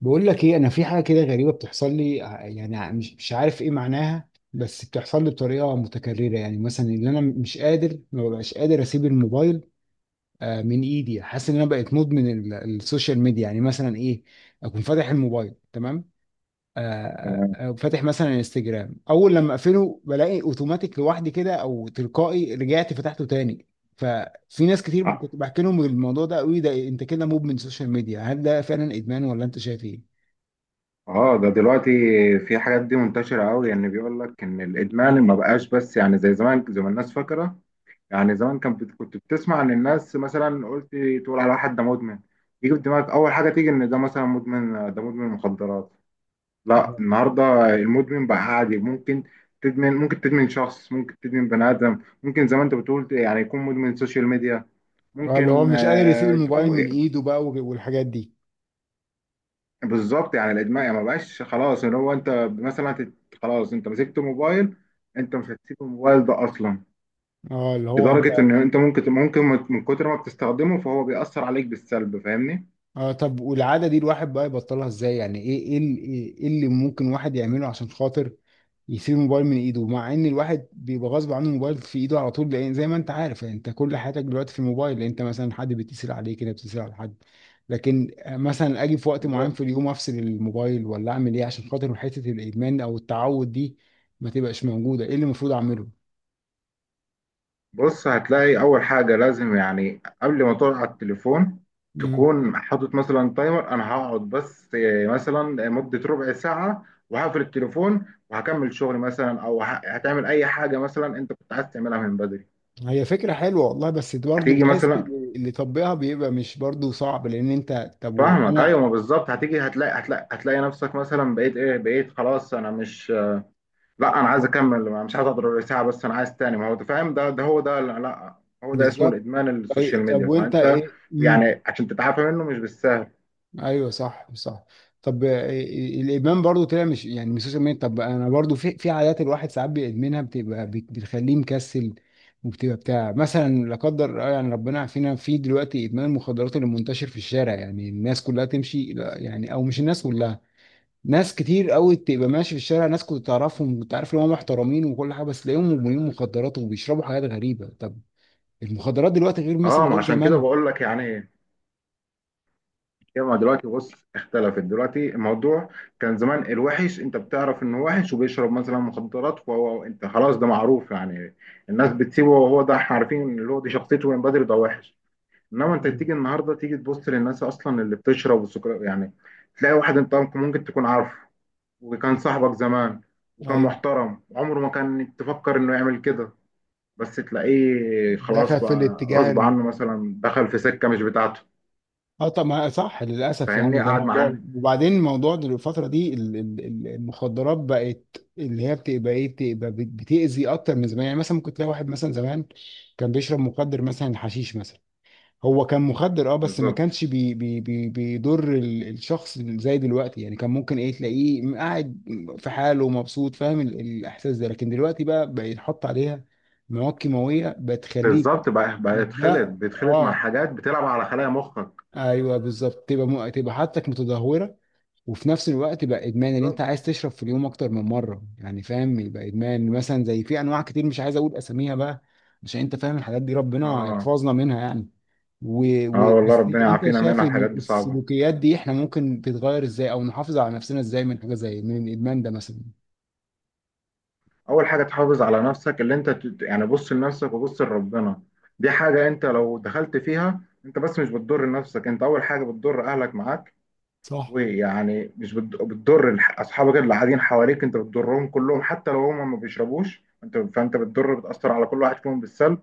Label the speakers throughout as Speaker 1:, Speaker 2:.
Speaker 1: بقول لك ايه، انا في حاجه كده غريبه بتحصل لي مش عارف ايه معناها، بس بتحصل لي بطريقه متكرره. يعني مثلا، ان انا مش قادر، ما ببقاش قادر اسيب الموبايل من ايدي. حاسس ان انا بقيت مدمن السوشيال ميديا. يعني مثلا ايه؟ اكون فاتح الموبايل تمام. آه،
Speaker 2: تمام.
Speaker 1: فاتح مثلا انستجرام، اول لما اقفله بلاقي اوتوماتيك لوحدي كده او تلقائي رجعت فتحته تاني. ففي ناس كتير
Speaker 2: اه.
Speaker 1: كنت بحكي لهم الموضوع ده، قوي ده انت كده مدمن سوشيال ميديا. هل ده فعلا ادمان ولا انت شايف
Speaker 2: آه، ده دلوقتي في حاجات دي منتشرة قوي، يعني بيقول لك ان الادمان ما بقاش، بس يعني زي زمان زي ما الناس فاكرة. يعني زمان كان كنت بتسمع ان الناس مثلا قلت تقول على واحد ده مدمن، يجي في دماغك اول حاجة تيجي ان ده مثلا مدمن، ده مدمن مخدرات. لا،
Speaker 1: ايه؟
Speaker 2: النهاردة المدمن بقى عادي، ممكن تدمن، ممكن تدمن شخص، ممكن تدمن بني ادم، ممكن زي ما انت بتقول يعني يكون مدمن سوشيال ميديا،
Speaker 1: اه، اللي هو
Speaker 2: ممكن
Speaker 1: مش قادر يسيب الموبايل
Speaker 2: تكون.
Speaker 1: من ايده بقى والحاجات دي.
Speaker 2: بالظبط يعني الادمان يعني ما بقاش خلاص، ان هو انت مثلا خلاص انت مسكت موبايل، انت مش هتسيب الموبايل ده اصلا،
Speaker 1: اه اللي هو انت.
Speaker 2: لدرجه ان انت ممكن من كتر ما بتستخدمه فهو بيأثر عليك بالسلب، فاهمني؟
Speaker 1: اه طب، والعادة دي الواحد بقى يبطلها ازاي؟ يعني ايه ايه ال- ايه إيه اللي ممكن واحد يعمله عشان خاطر يسيب الموبايل من ايده، مع ان الواحد بيبقى غصب عنه الموبايل في ايده على طول، لان زي ما انت عارف يعني انت كل حياتك دلوقتي في الموبايل، لان انت مثلا حد بيتصل عليك كده، بتتصل على حد. لكن مثلا اجي في وقت معين في
Speaker 2: بالظبط.
Speaker 1: اليوم افصل الموبايل ولا اعمل ايه عشان خاطر حتة الادمان او التعود دي ما تبقاش موجودة؟ ايه اللي المفروض اعمله؟
Speaker 2: بص، هتلاقي اول حاجه لازم يعني قبل ما تقعد على التليفون تكون حاطط مثلا تايمر، انا هقعد بس مثلا مده ربع ساعه وهقفل التليفون وهكمل شغل مثلا، او هتعمل اي حاجه مثلا انت كنت عايز تعملها من بدري.
Speaker 1: هي فكرة حلوة والله، بس برضه
Speaker 2: هتيجي
Speaker 1: بتحس
Speaker 2: مثلا،
Speaker 1: إن اللي طبقها بيبقى، مش برضه صعب؟ لأن أنت طب
Speaker 2: فاهمك.
Speaker 1: وأنا.
Speaker 2: ايوه، ما بالظبط هتيجي هتلاقي، نفسك مثلا بقيت ايه، بقيت خلاص، انا مش، لا انا عايز اكمل، مش عايز اضرب ساعه بس انا عايز تاني. ما هو أنت فاهم، ده هو ده. لا لا، هو ده اسمه
Speaker 1: بالظبط.
Speaker 2: الادمان السوشيال
Speaker 1: طيب،
Speaker 2: ميديا،
Speaker 1: وأنت
Speaker 2: فانت
Speaker 1: إيه؟ مم.
Speaker 2: يعني عشان تتعافى منه مش بالسهل.
Speaker 1: أيوه صح، صح. طب إيه، الإدمان برضه طلع مش، يعني مش سوشيال ميديا. طب أنا برضه في عادات الواحد ساعات بيدمنها، بتبقى بتخليه مكسل. وبتبقى بتاع مثلا، لا قدر يعني ربنا يعافينا، في دلوقتي إدمان المخدرات اللي منتشر في الشارع. يعني الناس كلها تمشي، لا، يعني أو مش الناس كلها. ناس كتير قوي تبقى ماشي في الشارع، ناس كنت تعرفهم، كنت عارف ان هم محترمين وكل حاجه، بس تلاقيهم مدمنين مخدرات وبيشربوا حاجات غريبه. طب المخدرات دلوقتي غير مثلا،
Speaker 2: اه، ما
Speaker 1: غير
Speaker 2: عشان كده
Speaker 1: زمان.
Speaker 2: بقول لك يعني ايه. هي ما دلوقتي بص اختلفت دلوقتي الموضوع. كان زمان الوحش انت بتعرف انه وحش وبيشرب مثلا مخدرات، وهو انت خلاص ده معروف، يعني الناس بتسيبه، وهو ده احنا عارفين اللي هو دي شخصيته من بدري، ده وحش. انما انت
Speaker 1: مم.
Speaker 2: تيجي النهارده تيجي تبص للناس اصلا اللي بتشرب والسكر يعني، تلاقي واحد انت ممكن تكون عارفه، وكان صاحبك زمان، وكان
Speaker 1: ايوه،
Speaker 2: محترم، عمره ما كان تفكر انه يعمل كده، بس تلاقيه خلاص
Speaker 1: دخلت في
Speaker 2: بقى
Speaker 1: الاتجاه
Speaker 2: غصب عنه مثلا دخل في سكه مش بتاعته.
Speaker 1: اه طب، ما صح، للاسف يعني
Speaker 2: فاهمني؟
Speaker 1: ده
Speaker 2: قعد
Speaker 1: موضوع.
Speaker 2: معانا.
Speaker 1: وبعدين الموضوع الفتره دي المخدرات بقت اللي هي بتبقى ايه، بتبقى بتاذي اكتر من زمان. يعني مثلا ممكن تلاقي واحد مثلا زمان كان بيشرب مخدر، مثلا حشيش مثلا. هو كان مخدر اه، بس ما
Speaker 2: بالظبط
Speaker 1: كانش بي بي بي بيضر الشخص زي دلوقتي. يعني كان ممكن ايه، تلاقيه قاعد في حاله مبسوط، فاهم الاحساس ده. لكن دلوقتي بقى، يتحط عليها مواد كيماويه بتخليك
Speaker 2: بالظبط بقى بقى يتخلط
Speaker 1: ده
Speaker 2: بيتخلط مع
Speaker 1: اه
Speaker 2: حاجات بتلعب على خلايا مخك.
Speaker 1: ايوه بالظبط، تبقى تبقى حالتك متدهوره. وفي نفس الوقت بقى ادمان، ان انت
Speaker 2: بالظبط.
Speaker 1: عايز تشرب في اليوم اكتر من مره. يعني فاهم، يبقى ادمان مثلا، زي في انواع كتير مش عايز اقول اساميها بقى، عشان انت فاهم الحاجات دي، ربنا
Speaker 2: اه،
Speaker 1: يحفظنا منها يعني.
Speaker 2: اه، والله
Speaker 1: بس
Speaker 2: ربنا
Speaker 1: انت
Speaker 2: يعافينا
Speaker 1: شايف
Speaker 2: منها، الحاجات دي صعبه.
Speaker 1: السلوكيات دي احنا ممكن تتغير ازاي، او نحافظ على نفسنا ازاي من حاجه زي من الادمان ده مثلا؟
Speaker 2: اول حاجه تحافظ على نفسك، اللي انت يعني بص لنفسك وبص لربنا. دي حاجه انت لو دخلت فيها انت بس مش بتضر نفسك انت، اول حاجه بتضر اهلك معاك،
Speaker 1: صح.
Speaker 2: ويعني مش بت- بتضر اصحابك اللي قاعدين حواليك، انت بتضرهم كلهم، حتى لو هم ما بيشربوش انت، فانت بتضر بتاثر على كل واحد فيهم بالسلب.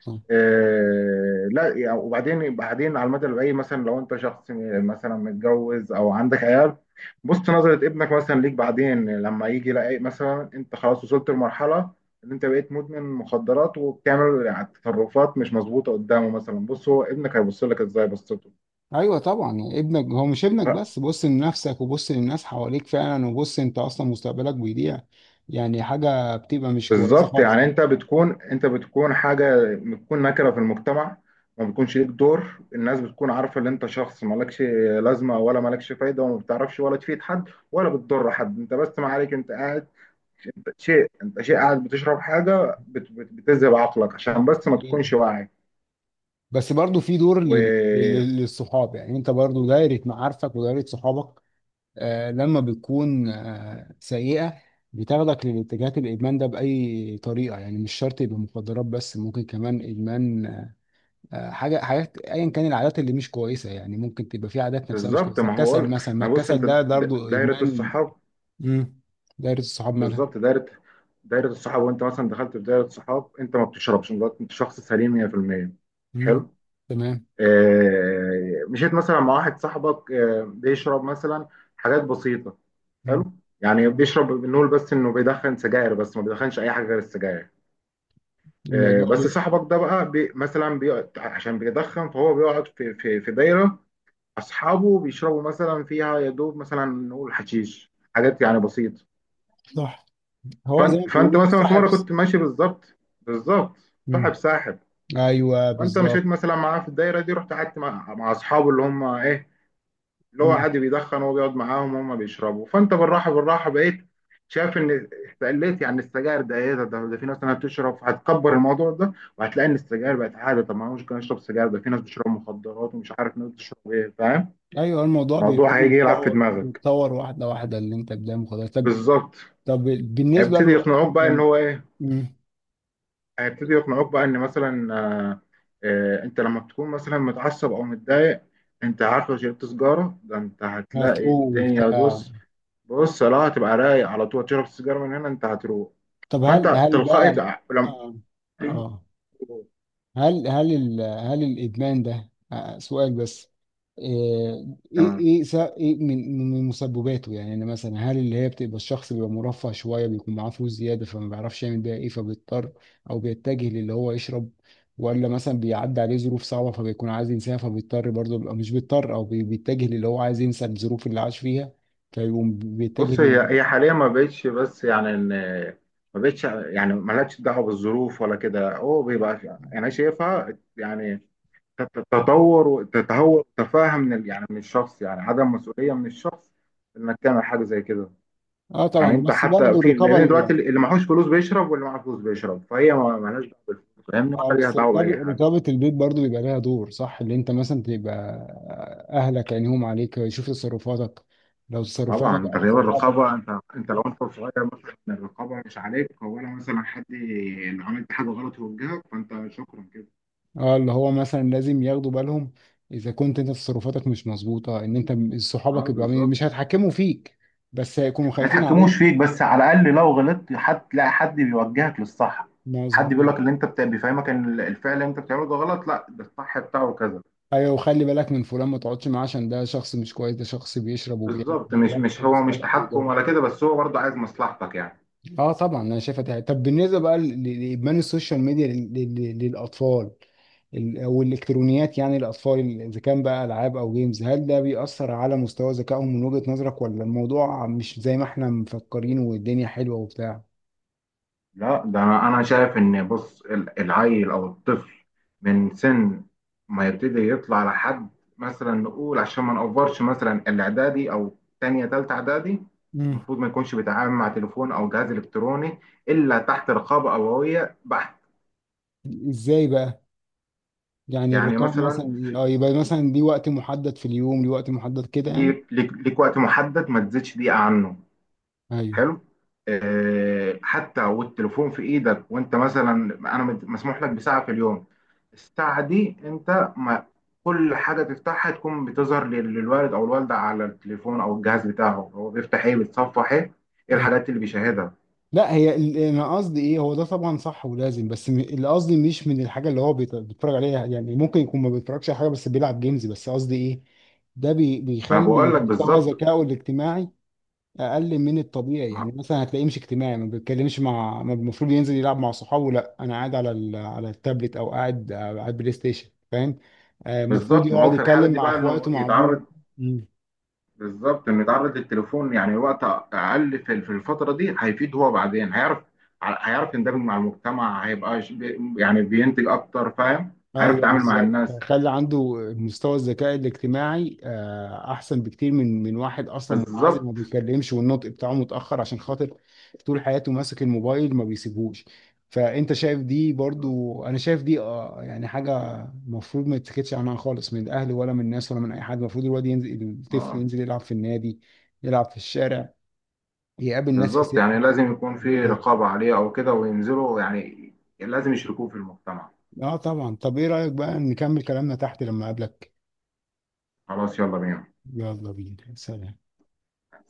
Speaker 1: صح.
Speaker 2: آه، لا يعني، وبعدين على المدى البعيد مثلا لو انت شخص مثلا متجوز او عندك عيال، بص نظرة ابنك مثلا ليك بعدين لما يجي يلاقي مثلا انت خلاص وصلت لمرحلة ان انت بقيت مدمن مخدرات وبتعمل يعني تصرفات مش مظبوطة قدامه، مثلا بص هو ابنك هيبص لك ازاي بصته.
Speaker 1: ايوه طبعا، يعني ابنك هو، مش ابنك بس، بص لنفسك وبص للناس حواليك فعلا، وبص انت اصلا مستقبلك بيضيع. يعني حاجه بتبقى مش كويسه
Speaker 2: بالظبط
Speaker 1: خالص.
Speaker 2: يعني انت بتكون حاجه، بتكون نكره في المجتمع، ما بتكونش ليك دور، الناس بتكون عارفه ان انت شخص مالكش لازمه ولا مالكش فايده، وما بتعرفش ولا تفيد حد ولا بتضر حد، انت بس ما عليك، انت قاعد، انت شيء قاعد بتشرب حاجه بت بت بتذهب عقلك عشان
Speaker 1: صح.
Speaker 2: بس ما تكونش واعي.
Speaker 1: بس برضو في دور
Speaker 2: وبالظبط،
Speaker 1: للصحاب، يعني انت برضو دايرة معارفك ودايرة صحابك، لما بتكون سيئة بتاخدك للاتجاهات الإدمان ده بأي طريقة. يعني مش شرط يبقى مخدرات، بس ممكن كمان إدمان. آه حاجة حاجات أيا كان، العادات اللي مش كويسة. يعني ممكن تبقى في عادات نفسها مش كويسة،
Speaker 2: ما هو
Speaker 1: الكسل
Speaker 2: قلت،
Speaker 1: مثلا، ما
Speaker 2: ما بص
Speaker 1: الكسل
Speaker 2: انت
Speaker 1: ده برضو
Speaker 2: دايره
Speaker 1: إدمان.
Speaker 2: الصحاب.
Speaker 1: مم. دايرة الصحاب مالها؟
Speaker 2: بالظبط دايره الصحاب، وانت مثلا دخلت في دايره صحاب انت ما بتشربش، انت شخص سليم 100%.
Speaker 1: مم.
Speaker 2: حلو.
Speaker 1: تمام.
Speaker 2: آه، مشيت مثلا مع واحد صاحبك بيشرب مثلا حاجات بسيطة. حلو.
Speaker 1: مم.
Speaker 2: يعني بيشرب، بنقول بس انه بيدخن سجاير، بس ما بيدخنش اي حاجة غير السجاير. آه،
Speaker 1: الموضوع
Speaker 2: بس صاحبك ده بقى مثلا بيقعد عشان بيدخن، فهو بيقعد في دايرة اصحابه بيشربوا مثلا فيها يا دوب مثلا نقول حشيش، حاجات يعني بسيطة.
Speaker 1: صح، هو زي ما
Speaker 2: فانت
Speaker 1: بيقولوا
Speaker 2: مثلا في
Speaker 1: صاحب.
Speaker 2: مرة كنت ماشي، بالظبط بالظبط. صاحب
Speaker 1: مم.
Speaker 2: ساحب،
Speaker 1: ايوه
Speaker 2: فانت مشيت
Speaker 1: بالظبط.
Speaker 2: مثلا معاه في الدايرة دي، رحت قعدت مع اصحابه اللي هم ايه، اللي هو
Speaker 1: مم.
Speaker 2: عادي بيدخن وهو بيقعد معاهم وهم بيشربوا، فانت بالراحه بالراحه بقيت شايف ان استقليت يعني السجاير، ده ايه ده، ده ده في ناس انا بتشرب، هتكبر الموضوع ده وهتلاقي ان السجاير بقت عاده، طب ما انا مش كان اشرب سجاير، ده في ناس بتشرب مخدرات ومش عارف ناس بتشرب ايه، فاهم.
Speaker 1: ايوه، الموضوع
Speaker 2: الموضوع
Speaker 1: بيبتدي
Speaker 2: هيجي يلعب في
Speaker 1: يتطور،
Speaker 2: دماغك.
Speaker 1: يتطور واحده واحده اللي انت قدامه خلاص. طب،
Speaker 2: بالظبط،
Speaker 1: طب بالنسبه
Speaker 2: هيبتدي
Speaker 1: له
Speaker 2: يقنعوك بقى ان هو ايه،
Speaker 1: مم.
Speaker 2: هيبتدي يقنعوك بقى ان مثلا انت لما بتكون مثلا متعصب او متضايق، انت عارف لو شربت سجاره ده، انت هتلاقي
Speaker 1: هتروح
Speaker 2: الدنيا،
Speaker 1: بتاع.
Speaker 2: بص بص، لا هتبقى رايق على طول، تشرب السيجاره من هنا انت هتروق.
Speaker 1: طب هل
Speaker 2: فانت
Speaker 1: هل
Speaker 2: تلقائي
Speaker 1: بقى.
Speaker 2: لما
Speaker 1: اه اه. هل الادمان ده، سؤال بس، آه، ايه
Speaker 2: تمام.
Speaker 1: ايه س- ايه من مسبباته؟ يعني أنا مثلا، هل اللي هي بتبقى الشخص بيبقى مرفه شويه، بيكون معاه فلوس زياده فما بيعرفش يعمل بيها ايه، فبيضطر او بيتجه للي هو يشرب؟ ولا مثلا بيعدي عليه ظروف صعبه فبيكون عايز ينساها، فبيضطر برضه، بيبقى مش بيضطر او بيتجه للي هو عايز ينسى الظروف اللي عاش فيها فيقوم بيتجه
Speaker 2: بص
Speaker 1: لل.
Speaker 2: هي هي حاليا ما بقتش، بس يعني ان ما بقتش يعني مالهاش دعوه بالظروف ولا كده، هو بيبقى انا شايفها يعني تتطور وتتهور، تفاهم يعني من الشخص، يعني عدم مسؤوليه من الشخص انك تعمل حاجه زي كده.
Speaker 1: اه
Speaker 2: يعني
Speaker 1: طبعا،
Speaker 2: انت
Speaker 1: بس
Speaker 2: حتى
Speaker 1: برضه
Speaker 2: في،
Speaker 1: الرقابه.
Speaker 2: لان دلوقتي اللي معهوش فلوس بيشرب واللي معاه فلوس بيشرب، فهي مالهاش دعوه بالفلوس، فاهمني؟
Speaker 1: اه،
Speaker 2: ولا ليها
Speaker 1: بس
Speaker 2: دعوه باي
Speaker 1: رقابة،
Speaker 2: حاجه.
Speaker 1: البيت برضو بيبقى لها دور، صح، اللي انت مثلا تبقى اهلك عينيهم عليك يشوف تصرفاتك، لو
Speaker 2: طبعا
Speaker 1: تصرفاتك
Speaker 2: انت
Speaker 1: او
Speaker 2: غياب
Speaker 1: صحابك.
Speaker 2: الرقابه، انت لو انت صغير مثلا الرقابه مش عليك، ولا مثلا حد لو عملت حاجه غلط يوجهك، فانت شكرا كده.
Speaker 1: اه اللي هو مثلا لازم ياخدوا بالهم، اذا كنت انت تصرفاتك مش مظبوطة، ان انت
Speaker 2: اه
Speaker 1: صحابك يبقوا مش
Speaker 2: بالظبط،
Speaker 1: هيتحكموا فيك، بس هيكونوا
Speaker 2: ما
Speaker 1: خايفين
Speaker 2: يتحكموش
Speaker 1: عليك.
Speaker 2: فيك بس على الاقل لو غلطت حد تلاقي حد بيوجهك للصح، حد بيقول
Speaker 1: مظبوط.
Speaker 2: لك اللي انت بيفهمك ان الفعل اللي انت بتعمله ده غلط، لا ده الصح بتاعه كذا.
Speaker 1: ايوه، وخلي بالك من فلان ما تقعدش معاه، عشان ده شخص مش كويس، ده شخص بيشرب وبيعمل،
Speaker 2: بالظبط، مش
Speaker 1: ده
Speaker 2: مش
Speaker 1: ممكن
Speaker 2: هو مش
Speaker 1: يسحبك.
Speaker 2: تحكم ولا كده، بس هو برضه عايز مصلحتك يعني.
Speaker 1: اه طبعا، انا شايفها دي حاجة. طب بالنسبه بقى لادمان السوشيال ميديا للاطفال، او الالكترونيات، يعني الاطفال اذا كان بقى العاب او جيمز، هل ده بيأثر على مستوى ذكائهم من وجهة نظرك، ولا الموضوع مش زي ما احنا مفكرين والدنيا حلوه وبتاع؟
Speaker 2: لا ده انا، أنا شايف ان بص العيل او الطفل من سن ما يبتدي يطلع لحد مثلا نقول عشان ما نقفرش مثلا الاعدادي او تانية تالتة اعدادي،
Speaker 1: مم.
Speaker 2: المفروض ما يكونش بيتعامل مع تليفون او جهاز الكتروني الا تحت رقابة ابوية بحت.
Speaker 1: ازاي بقى؟ يعني
Speaker 2: يعني
Speaker 1: الرقابه مثلا، اه يبقى مثلا ليه وقت محدد في اليوم، ليه وقت محدد كده يعني.
Speaker 2: ليك وقت محدد ما تزيدش دقيقة عنه.
Speaker 1: ايوه.
Speaker 2: حلو. آه، حتى والتليفون في ايدك وانت مثلا انا مسموح لك بساعه في اليوم، الساعه دي انت ما، كل حاجه تفتحها تكون بتظهر للوالد او الوالده على التليفون او الجهاز بتاعه، هو بيفتح ايه، بيتصفح ايه، ايه الحاجات اللي بيشاهدها.
Speaker 1: لا هي انا قصدي ايه، هو ده طبعا صح ولازم، بس اللي قصدي مش من الحاجه اللي هو بيتفرج عليها، يعني ممكن يكون ما بيتفرجش على حاجه بس بيلعب جيمز، بس قصدي ايه، ده
Speaker 2: انا
Speaker 1: بيخلي
Speaker 2: بقول لك
Speaker 1: مستوى
Speaker 2: بالظبط.
Speaker 1: ذكائه الاجتماعي اقل من الطبيعي. يعني
Speaker 2: ما-
Speaker 1: مثلا هتلاقيه مش اجتماعي، ما بيتكلمش مع، ما المفروض ينزل يلعب مع صحابه، لا انا قاعد على على التابلت او قاعد على البلاي ستيشن، فاهم؟ المفروض
Speaker 2: بالظبط ما
Speaker 1: يقعد
Speaker 2: هو في الحاله
Speaker 1: يتكلم
Speaker 2: دي
Speaker 1: مع
Speaker 2: بقى
Speaker 1: اخواته،
Speaker 2: انه
Speaker 1: مع ابوه.
Speaker 2: يتعرض، بالظبط انه يتعرض للتليفون يعني وقت اقل في الفتره دي هيفيد، هو بعدين هيعرف، يندمج مع المجتمع، هيبقى يعني بينتج اكتر فاهم. هيعرف
Speaker 1: ايوه
Speaker 2: يتعامل مع
Speaker 1: بالظبط،
Speaker 2: الناس
Speaker 1: هيخلي عنده مستوى الذكاء الاجتماعي احسن بكتير من واحد اصلا منعزل، ما
Speaker 2: بالظبط.
Speaker 1: بيتكلمش والنطق بتاعه متاخر، عشان خاطر طول حياته ماسك الموبايل ما بيسيبهوش. فانت شايف دي، برضو انا شايف دي يعني حاجه المفروض ما يتسكتش عنها خالص، من الاهل ولا من الناس ولا من اي حد. المفروض الواد ينزل، الطفل
Speaker 2: اه
Speaker 1: ينزل يلعب في النادي، يلعب في الشارع، يقابل ناس في
Speaker 2: بالظبط،
Speaker 1: سنه
Speaker 2: يعني لازم
Speaker 1: يكلمهم،
Speaker 2: يكون في
Speaker 1: يقابلهم.
Speaker 2: رقابه عليه او كده وينزلوا يعني، لازم يشركوه في المجتمع.
Speaker 1: اه طبعا. طب ايه رايك بقى نكمل كلامنا تحت لما اقابلك؟
Speaker 2: خلاص، يلا بينا.
Speaker 1: يلا بينا، سلام.